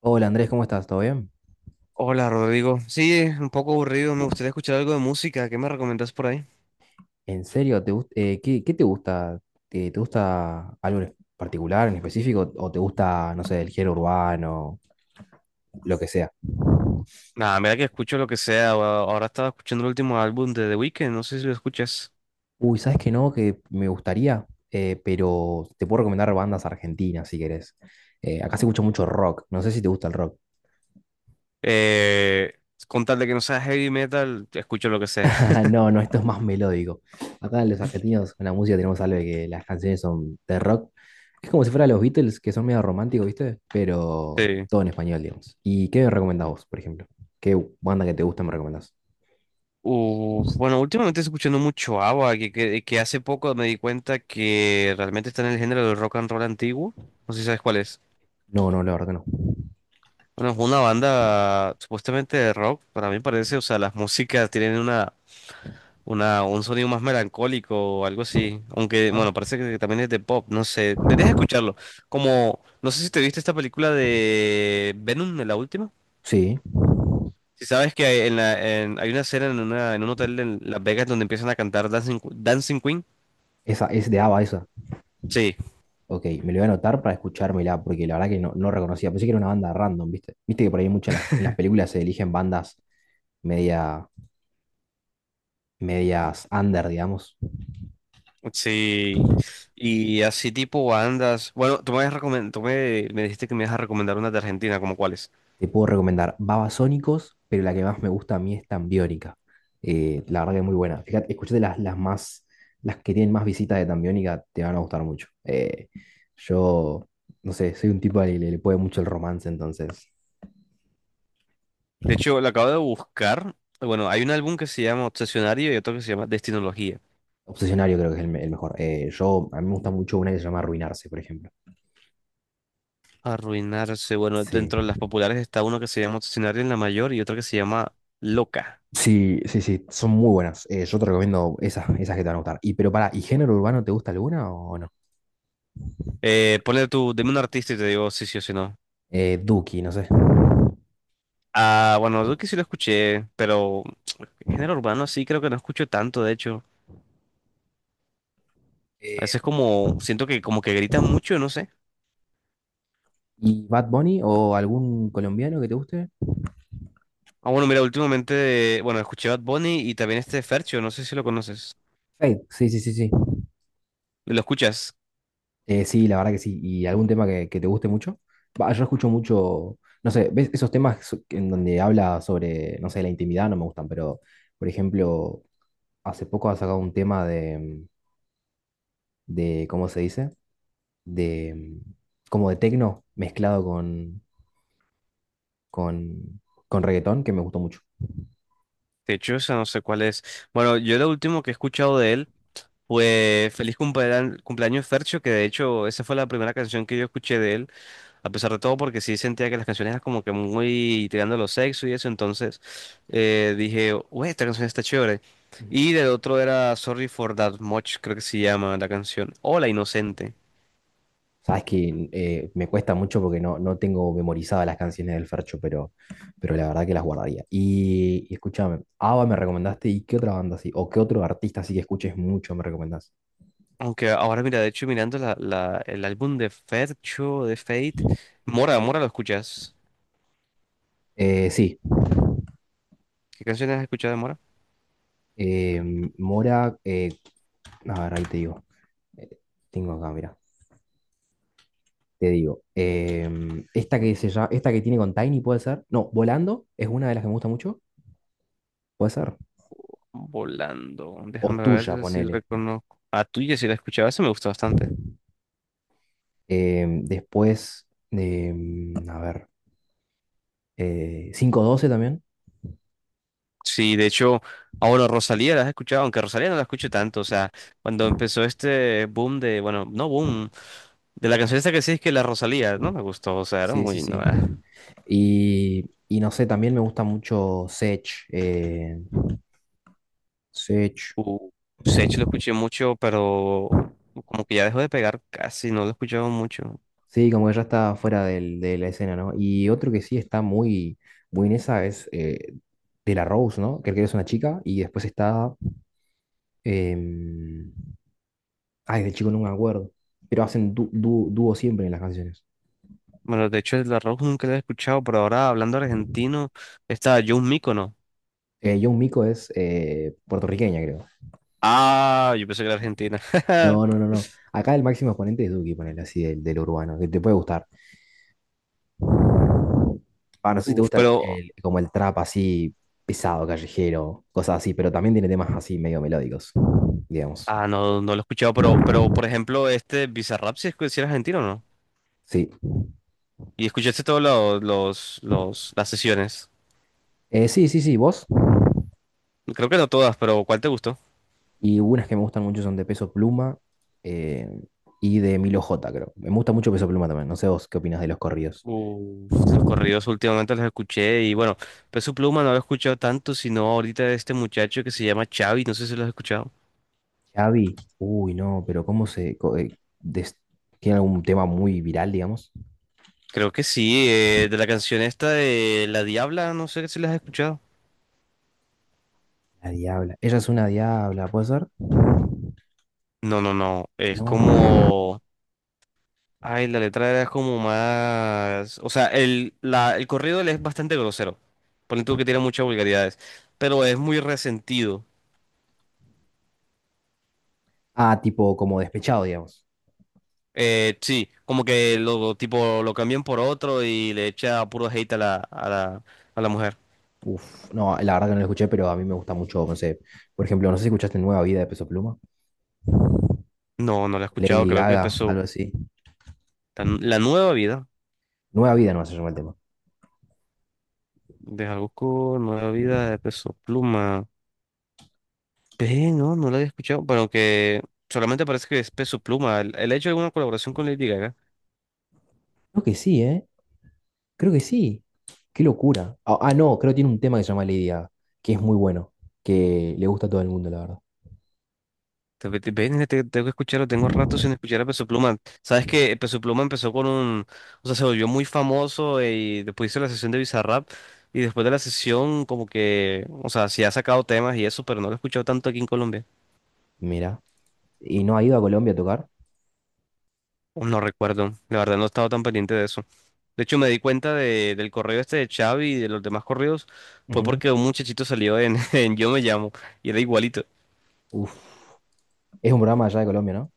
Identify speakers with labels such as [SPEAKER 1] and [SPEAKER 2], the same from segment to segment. [SPEAKER 1] Hola Andrés, ¿cómo estás? ¿Todo bien?
[SPEAKER 2] Hola Rodrigo, sí, un poco aburrido, me gustaría escuchar algo de música, ¿qué me recomendás por ahí?
[SPEAKER 1] ¿En serio? ¿Qué, qué te gusta? ¿Te, te gusta algo en particular, en específico? ¿O te gusta, no sé, el género urbano, lo que sea?
[SPEAKER 2] Nada, mira que escucho lo que sea, ahora estaba escuchando el último álbum de The Weeknd, no sé si lo escuchas.
[SPEAKER 1] Uy, ¿sabes qué no? Que me gustaría. Pero te puedo recomendar bandas argentinas si querés. Acá se escucha mucho rock, no sé si te gusta el rock.
[SPEAKER 2] Eh, con tal de que no sea heavy metal, escucho lo que sea.
[SPEAKER 1] No, no, esto es más melódico. Acá los argentinos con la música tenemos algo de que las canciones son de rock. Es como si fuera los Beatles, que son medio románticos, ¿viste? Pero
[SPEAKER 2] Sí.
[SPEAKER 1] todo en español, digamos. ¿Y qué me recomendás vos, por ejemplo? ¿Qué banda que te gusta me recomendás?
[SPEAKER 2] Uf, bueno, últimamente estoy escuchando mucho ABBA, que hace poco me di cuenta que realmente está en el género del rock and roll antiguo, no sé si sabes cuál es.
[SPEAKER 1] No, no, la verdad que no.
[SPEAKER 2] Bueno, es una banda supuestamente de rock, para mí parece, o sea, las músicas tienen una, un sonido más melancólico o algo así. Aunque,
[SPEAKER 1] Ah.
[SPEAKER 2] bueno, parece que también es de pop, no sé. Deberías escucharlo. Como, no sé si te viste esta película de Venom, la última.
[SPEAKER 1] Sí,
[SPEAKER 2] Si sabes que hay una escena en, en un hotel en Las Vegas donde empiezan a cantar Dancing, Dancing Queen.
[SPEAKER 1] esa es de ABBA esa.
[SPEAKER 2] Sí,
[SPEAKER 1] Ok, me lo voy a anotar para escuchármela, porque la verdad que no, no reconocía. Pensé que era una banda random, ¿viste? Viste que por ahí muchas en las películas se eligen bandas media, medias under, digamos.
[SPEAKER 2] sí. Y así tipo bandas. Bueno, tú me, me dijiste que me ibas a recomendar una de Argentina, como cuáles.
[SPEAKER 1] Te puedo recomendar Babasónicos, pero la que más me gusta a mí es Tambiónica. La verdad que es muy buena. Fíjate, escuchate las, las que tienen más visitas de Tambiónica, te van a gustar mucho. Yo, no sé, soy un tipo al que le puede mucho el romance, entonces.
[SPEAKER 2] De hecho, la acabo de buscar. Bueno, hay un álbum que se llama Obsesionario y otro que se llama Destinología.
[SPEAKER 1] Obsesionario creo que es el, el mejor. Yo, a mí me gusta mucho una que se llama Arruinarse, por ejemplo.
[SPEAKER 2] Arruinarse. Bueno,
[SPEAKER 1] Sí,
[SPEAKER 2] dentro de las populares está uno que se llama Obsesionario en la mayor y otro que se llama Loca.
[SPEAKER 1] sí, sí, sí, son muy buenas. Yo te recomiendo esas, esas que te van a gustar. Y pero para, ¿y género urbano te gusta alguna o no?
[SPEAKER 2] Ponle tú, dime un artista y te digo si sí o si no.
[SPEAKER 1] Duki, no sé.
[SPEAKER 2] Ah, bueno, yo que sí lo escuché, pero género urbano sí creo que no escucho tanto, de hecho. A
[SPEAKER 1] Eh,
[SPEAKER 2] veces como, siento que como que gritan mucho, no sé.
[SPEAKER 1] ¿Y Bad Bunny o algún colombiano que te guste?
[SPEAKER 2] Ah, bueno, mira, últimamente, bueno, escuché Bad Bunny y también este Fercho, no sé si lo conoces.
[SPEAKER 1] Fate, sí, sí, sí, sí.
[SPEAKER 2] ¿Lo escuchas?
[SPEAKER 1] Sí, la verdad que sí. ¿Y algún tema que te guste mucho? Va, yo escucho mucho, no sé, ¿ves esos en donde habla sobre, no sé, la intimidad? No me gustan, pero, por ejemplo, hace poco ha sacado un tema de ¿cómo se dice? De, como de tecno mezclado con, con reggaetón, que me gustó mucho.
[SPEAKER 2] De hecho, o sea, no sé cuál es. Bueno, yo lo último que he escuchado de él. Pues feliz cumpleaños, cumpleaños Fercho, que de hecho esa fue la primera canción que yo escuché de él, a pesar de todo, porque sí sentía que las canciones eran como que muy tirando a lo sexo y eso, entonces dije, uy, esta canción está chévere.
[SPEAKER 1] Ujú.
[SPEAKER 2] Y del otro era Sorry for That Much, creo que se llama la canción, o La Inocente.
[SPEAKER 1] Sabes que me cuesta mucho porque no, no tengo memorizadas las canciones del Fercho, pero la verdad que las guardaría. Y escúchame, ABBA me recomendaste y qué otra banda así, o qué otro artista así que escuches mucho me recomendás.
[SPEAKER 2] Aunque ahora, mira, de hecho, mirando el álbum de Fercho, de Fate, Mora, ¿lo escuchas?
[SPEAKER 1] Eh, sí,
[SPEAKER 2] ¿Qué canciones has escuchado de Mora?
[SPEAKER 1] eh, Mora, a ver, ahí te digo. Eh, Tengo acá, mira, te digo. Esta que tiene con Tiny puede ser. No, Volando es una de las que me gusta mucho, puede ser.
[SPEAKER 2] Volando,
[SPEAKER 1] O
[SPEAKER 2] déjame
[SPEAKER 1] tuya,
[SPEAKER 2] ver si
[SPEAKER 1] ponele.
[SPEAKER 2] reconozco. A tuya, si la escuchaba, esa me gusta bastante.
[SPEAKER 1] Después, a ver. Cinco doce también.
[SPEAKER 2] Sí, de hecho, ah, bueno, Rosalía la has escuchado, aunque Rosalía no la escucho tanto, o sea, cuando empezó este boom de, bueno, no boom, de la canción esta que sí es que la Rosalía, no me gustó, o sea, era
[SPEAKER 1] Sí, sí,
[SPEAKER 2] muy,
[SPEAKER 1] sí.
[SPEAKER 2] no, eh.
[SPEAKER 1] Y no sé, también me gusta mucho Sech. eh, Sech.
[SPEAKER 2] Uh, Sech lo escuché mucho, pero como que ya dejó de pegar casi, no lo he escuchado mucho.
[SPEAKER 1] Sí, como que ya está de la escena, ¿no? Y otro que sí está muy, muy en esa es De La Rose, ¿no? Que creo que es una chica. Y después está em, de chico no me acuerdo. Pero hacen dúo siempre en las canciones.
[SPEAKER 2] Bueno, de hecho, la Rock nunca la he escuchado, pero ahora hablando argentino, está Jun Mícono.
[SPEAKER 1] Young Miko es puertorriqueña, creo.
[SPEAKER 2] Ah, yo pensé que era Argentina.
[SPEAKER 1] No, no, no, no. Acá el máximo exponente es Duki, ponele así, del, del urbano, que te puede gustar. Ah, no sé si te
[SPEAKER 2] Uf,
[SPEAKER 1] gusta
[SPEAKER 2] pero,
[SPEAKER 1] como el trap así pesado, callejero, cosas así, pero también tiene temas así medio melódicos, digamos.
[SPEAKER 2] ah, no, no lo he escuchado, pero, por ejemplo, este Bizarrap, si era argentino, ¿no?
[SPEAKER 1] Sí.
[SPEAKER 2] ¿Y escuchaste todos las sesiones?
[SPEAKER 1] Sí, sí, sí, vos.
[SPEAKER 2] Creo que no todas, pero ¿cuál te gustó?
[SPEAKER 1] Y unas que me gustan mucho son de Peso Pluma eh, y de Milo J, creo. Me gusta mucho Peso Pluma también. No sé vos qué opinás de los corridos.
[SPEAKER 2] Uf, los corridos últimamente los escuché y bueno, Peso Pluma no lo he escuchado tanto, sino ahorita de este muchacho que se llama Xavi, no sé si lo has escuchado.
[SPEAKER 1] Xavi, uy, no, pero ¿cómo se...? ¿Tiene algún tema muy viral, digamos?
[SPEAKER 2] Creo que sí, de la canción esta de La Diabla, no sé si la has escuchado.
[SPEAKER 1] La diabla. Ella es una diabla, ¿puede ser?
[SPEAKER 2] No, no, no, es
[SPEAKER 1] No.
[SPEAKER 2] como... Ay, la letra era como más... O sea, el corrido él es bastante grosero. Ponle tú que tiene muchas vulgaridades, pero es muy resentido.
[SPEAKER 1] Ah, tipo como despechado, digamos.
[SPEAKER 2] Sí, como que lo tipo lo cambian por otro y le echa puro hate a a la mujer.
[SPEAKER 1] Uf, no, la verdad que no lo escuché, pero a mí me gusta mucho, no sé, por ejemplo, no sé si escuchaste Nueva Vida de Peso Pluma,
[SPEAKER 2] No, no la he escuchado,
[SPEAKER 1] Lady
[SPEAKER 2] creo que
[SPEAKER 1] Gaga, algo
[SPEAKER 2] Peso,
[SPEAKER 1] así.
[SPEAKER 2] la nueva vida
[SPEAKER 1] Nueva Vida no se llama el tema.
[SPEAKER 2] de Jalisco, nueva vida de Peso Pluma. Ve, no, no la había escuchado, pero que solamente parece que es Peso Pluma. Él ha hecho alguna colaboración con Lady Gaga.
[SPEAKER 1] Creo que sí, ¿eh? Creo que sí. Qué locura. No, creo que tiene un tema que se llama Lady Gaga, que es muy bueno, que le gusta a todo el mundo, la verdad.
[SPEAKER 2] Tengo que escucharlo, tengo rato sin escuchar a Peso Pluma. Sabes que Peso Pluma empezó con un, o sea, se volvió muy famoso y después hizo la sesión de Bizarrap y después de la sesión como que, o sea, sí ha sacado temas y eso, pero no lo he escuchado tanto aquí en Colombia.
[SPEAKER 1] Mira. ¿Y no ha ido a Colombia a tocar?
[SPEAKER 2] No recuerdo, la verdad no he estado tan pendiente de eso. De hecho, me di cuenta de, del correo este de Xavi y de los demás correos fue
[SPEAKER 1] Ujú.
[SPEAKER 2] porque un muchachito salió en, en Yo Me Llamo y era igualito.
[SPEAKER 1] Uf, es un programa allá de Colombia, ¿no?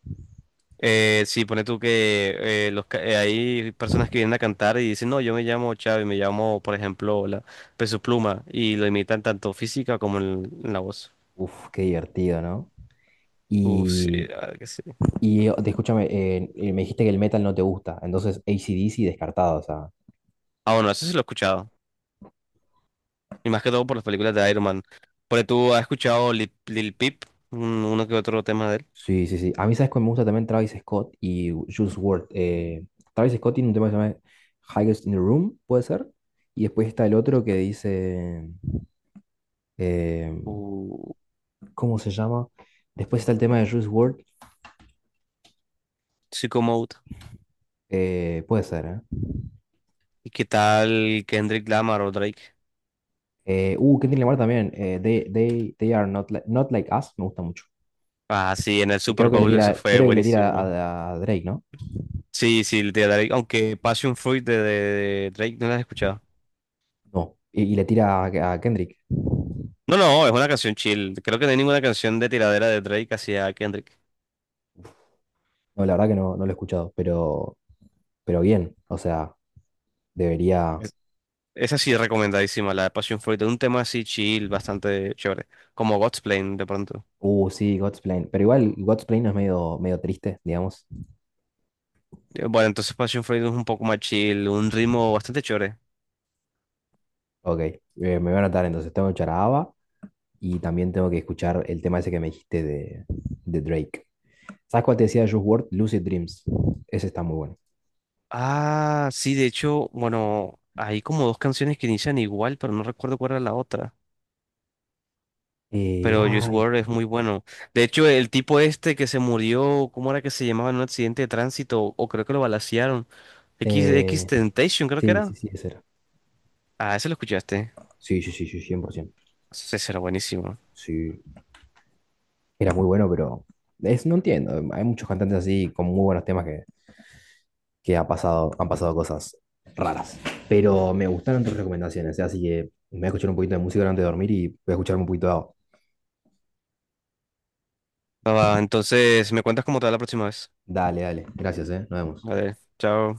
[SPEAKER 2] Sí, pone tú que hay personas que vienen a cantar y dicen, no, yo me llamo Chávez, me llamo, por ejemplo, la Peso Pluma, y lo imitan tanto física como en la voz.
[SPEAKER 1] Uf, qué divertido, ¿no?
[SPEAKER 2] Sí,
[SPEAKER 1] Y,
[SPEAKER 2] la verdad que sí.
[SPEAKER 1] me dijiste que el metal no te gusta, entonces AC/DC descartado, o sea,
[SPEAKER 2] Ah, bueno, eso sí lo he escuchado. Y más que todo por las películas de Iron Man. Pone tú, ¿has escuchado Lil Peep? Uno que otro tema de él.
[SPEAKER 1] Sí, sí, sí. A mí, ¿sabes cuál me gusta también? Travis Scott y Juice WRLD. Travis Scott tiene un tema que se llama Highest in the Room, puede ser. Y después está el otro que dice. eh,
[SPEAKER 2] Uh,
[SPEAKER 1] ¿Cómo se llama? Después está el tema de Juice WRLD.
[SPEAKER 2] Sicko Mode.
[SPEAKER 1] Puede ser, ¿eh?
[SPEAKER 2] ¿Y qué tal Kendrick Lamar o Drake?
[SPEAKER 1] Kendrick Lamar también. They, they are not, not like us, me gusta mucho.
[SPEAKER 2] Ah, sí, en el
[SPEAKER 1] Que
[SPEAKER 2] Super
[SPEAKER 1] creo que le
[SPEAKER 2] Bowl eso
[SPEAKER 1] tira,
[SPEAKER 2] fue
[SPEAKER 1] creo que le tira
[SPEAKER 2] buenísimo.
[SPEAKER 1] a Drake, ¿no?
[SPEAKER 2] Sí, sí, de Drake, aunque Passion Fruit de Drake no la has escuchado.
[SPEAKER 1] No. Y le tira a Kendrick.
[SPEAKER 2] No, no, es una canción chill. Creo que no hay ninguna canción de tiradera de Drake hacia Kendrick.
[SPEAKER 1] No, la verdad que no, no lo he escuchado, pero bien, o sea, debería...
[SPEAKER 2] Es- Esa sí es recomendadísima, la de Passion Fruit, es un tema así chill, bastante chévere, como Godsplan de pronto.
[SPEAKER 1] Sí, God's Plan, pero igual God's Plan no es medio, medio triste, digamos.
[SPEAKER 2] Bueno, entonces Passion Fruit es un poco más chill, un ritmo bastante chévere.
[SPEAKER 1] Ok, me voy a anotar entonces, tengo que escuchar a ABBA y también tengo que escuchar el tema ese que me dijiste de Drake. ¿Sabes cuál te decía de Juice WRLD? Lucid Dreams. Ese está muy bueno.
[SPEAKER 2] Ah, sí, de hecho, bueno, hay como dos canciones que inician igual, pero no recuerdo cuál era la otra.
[SPEAKER 1] Eh,
[SPEAKER 2] Pero Juice
[SPEAKER 1] ay,
[SPEAKER 2] WRLD es muy bueno. De hecho, el tipo este que se murió, ¿cómo era que se llamaba en un accidente de tránsito? O creo que lo balacearon. X
[SPEAKER 1] eh,
[SPEAKER 2] Temptation, creo que
[SPEAKER 1] sí,
[SPEAKER 2] era.
[SPEAKER 1] sí, sí, ese era.
[SPEAKER 2] Ah, ese lo escuchaste.
[SPEAKER 1] Sí, sí, sí, sí, cien por ciento.
[SPEAKER 2] Ese será buenísimo.
[SPEAKER 1] Sí, era muy bueno, pero es, no entiendo. Hay muchos cantantes así con muy buenos temas que ha pasado, han pasado cosas raras. Pero me gustaron tus recomendaciones, ¿eh? Así que me voy a escuchar un poquito de música antes de dormir y voy a escuchar un poquito de agua.
[SPEAKER 2] Ah, va, entonces, me cuentas cómo te va la próxima vez.
[SPEAKER 1] Dale, dale. Gracias, ¿eh? Nos vemos.
[SPEAKER 2] Vale, chao.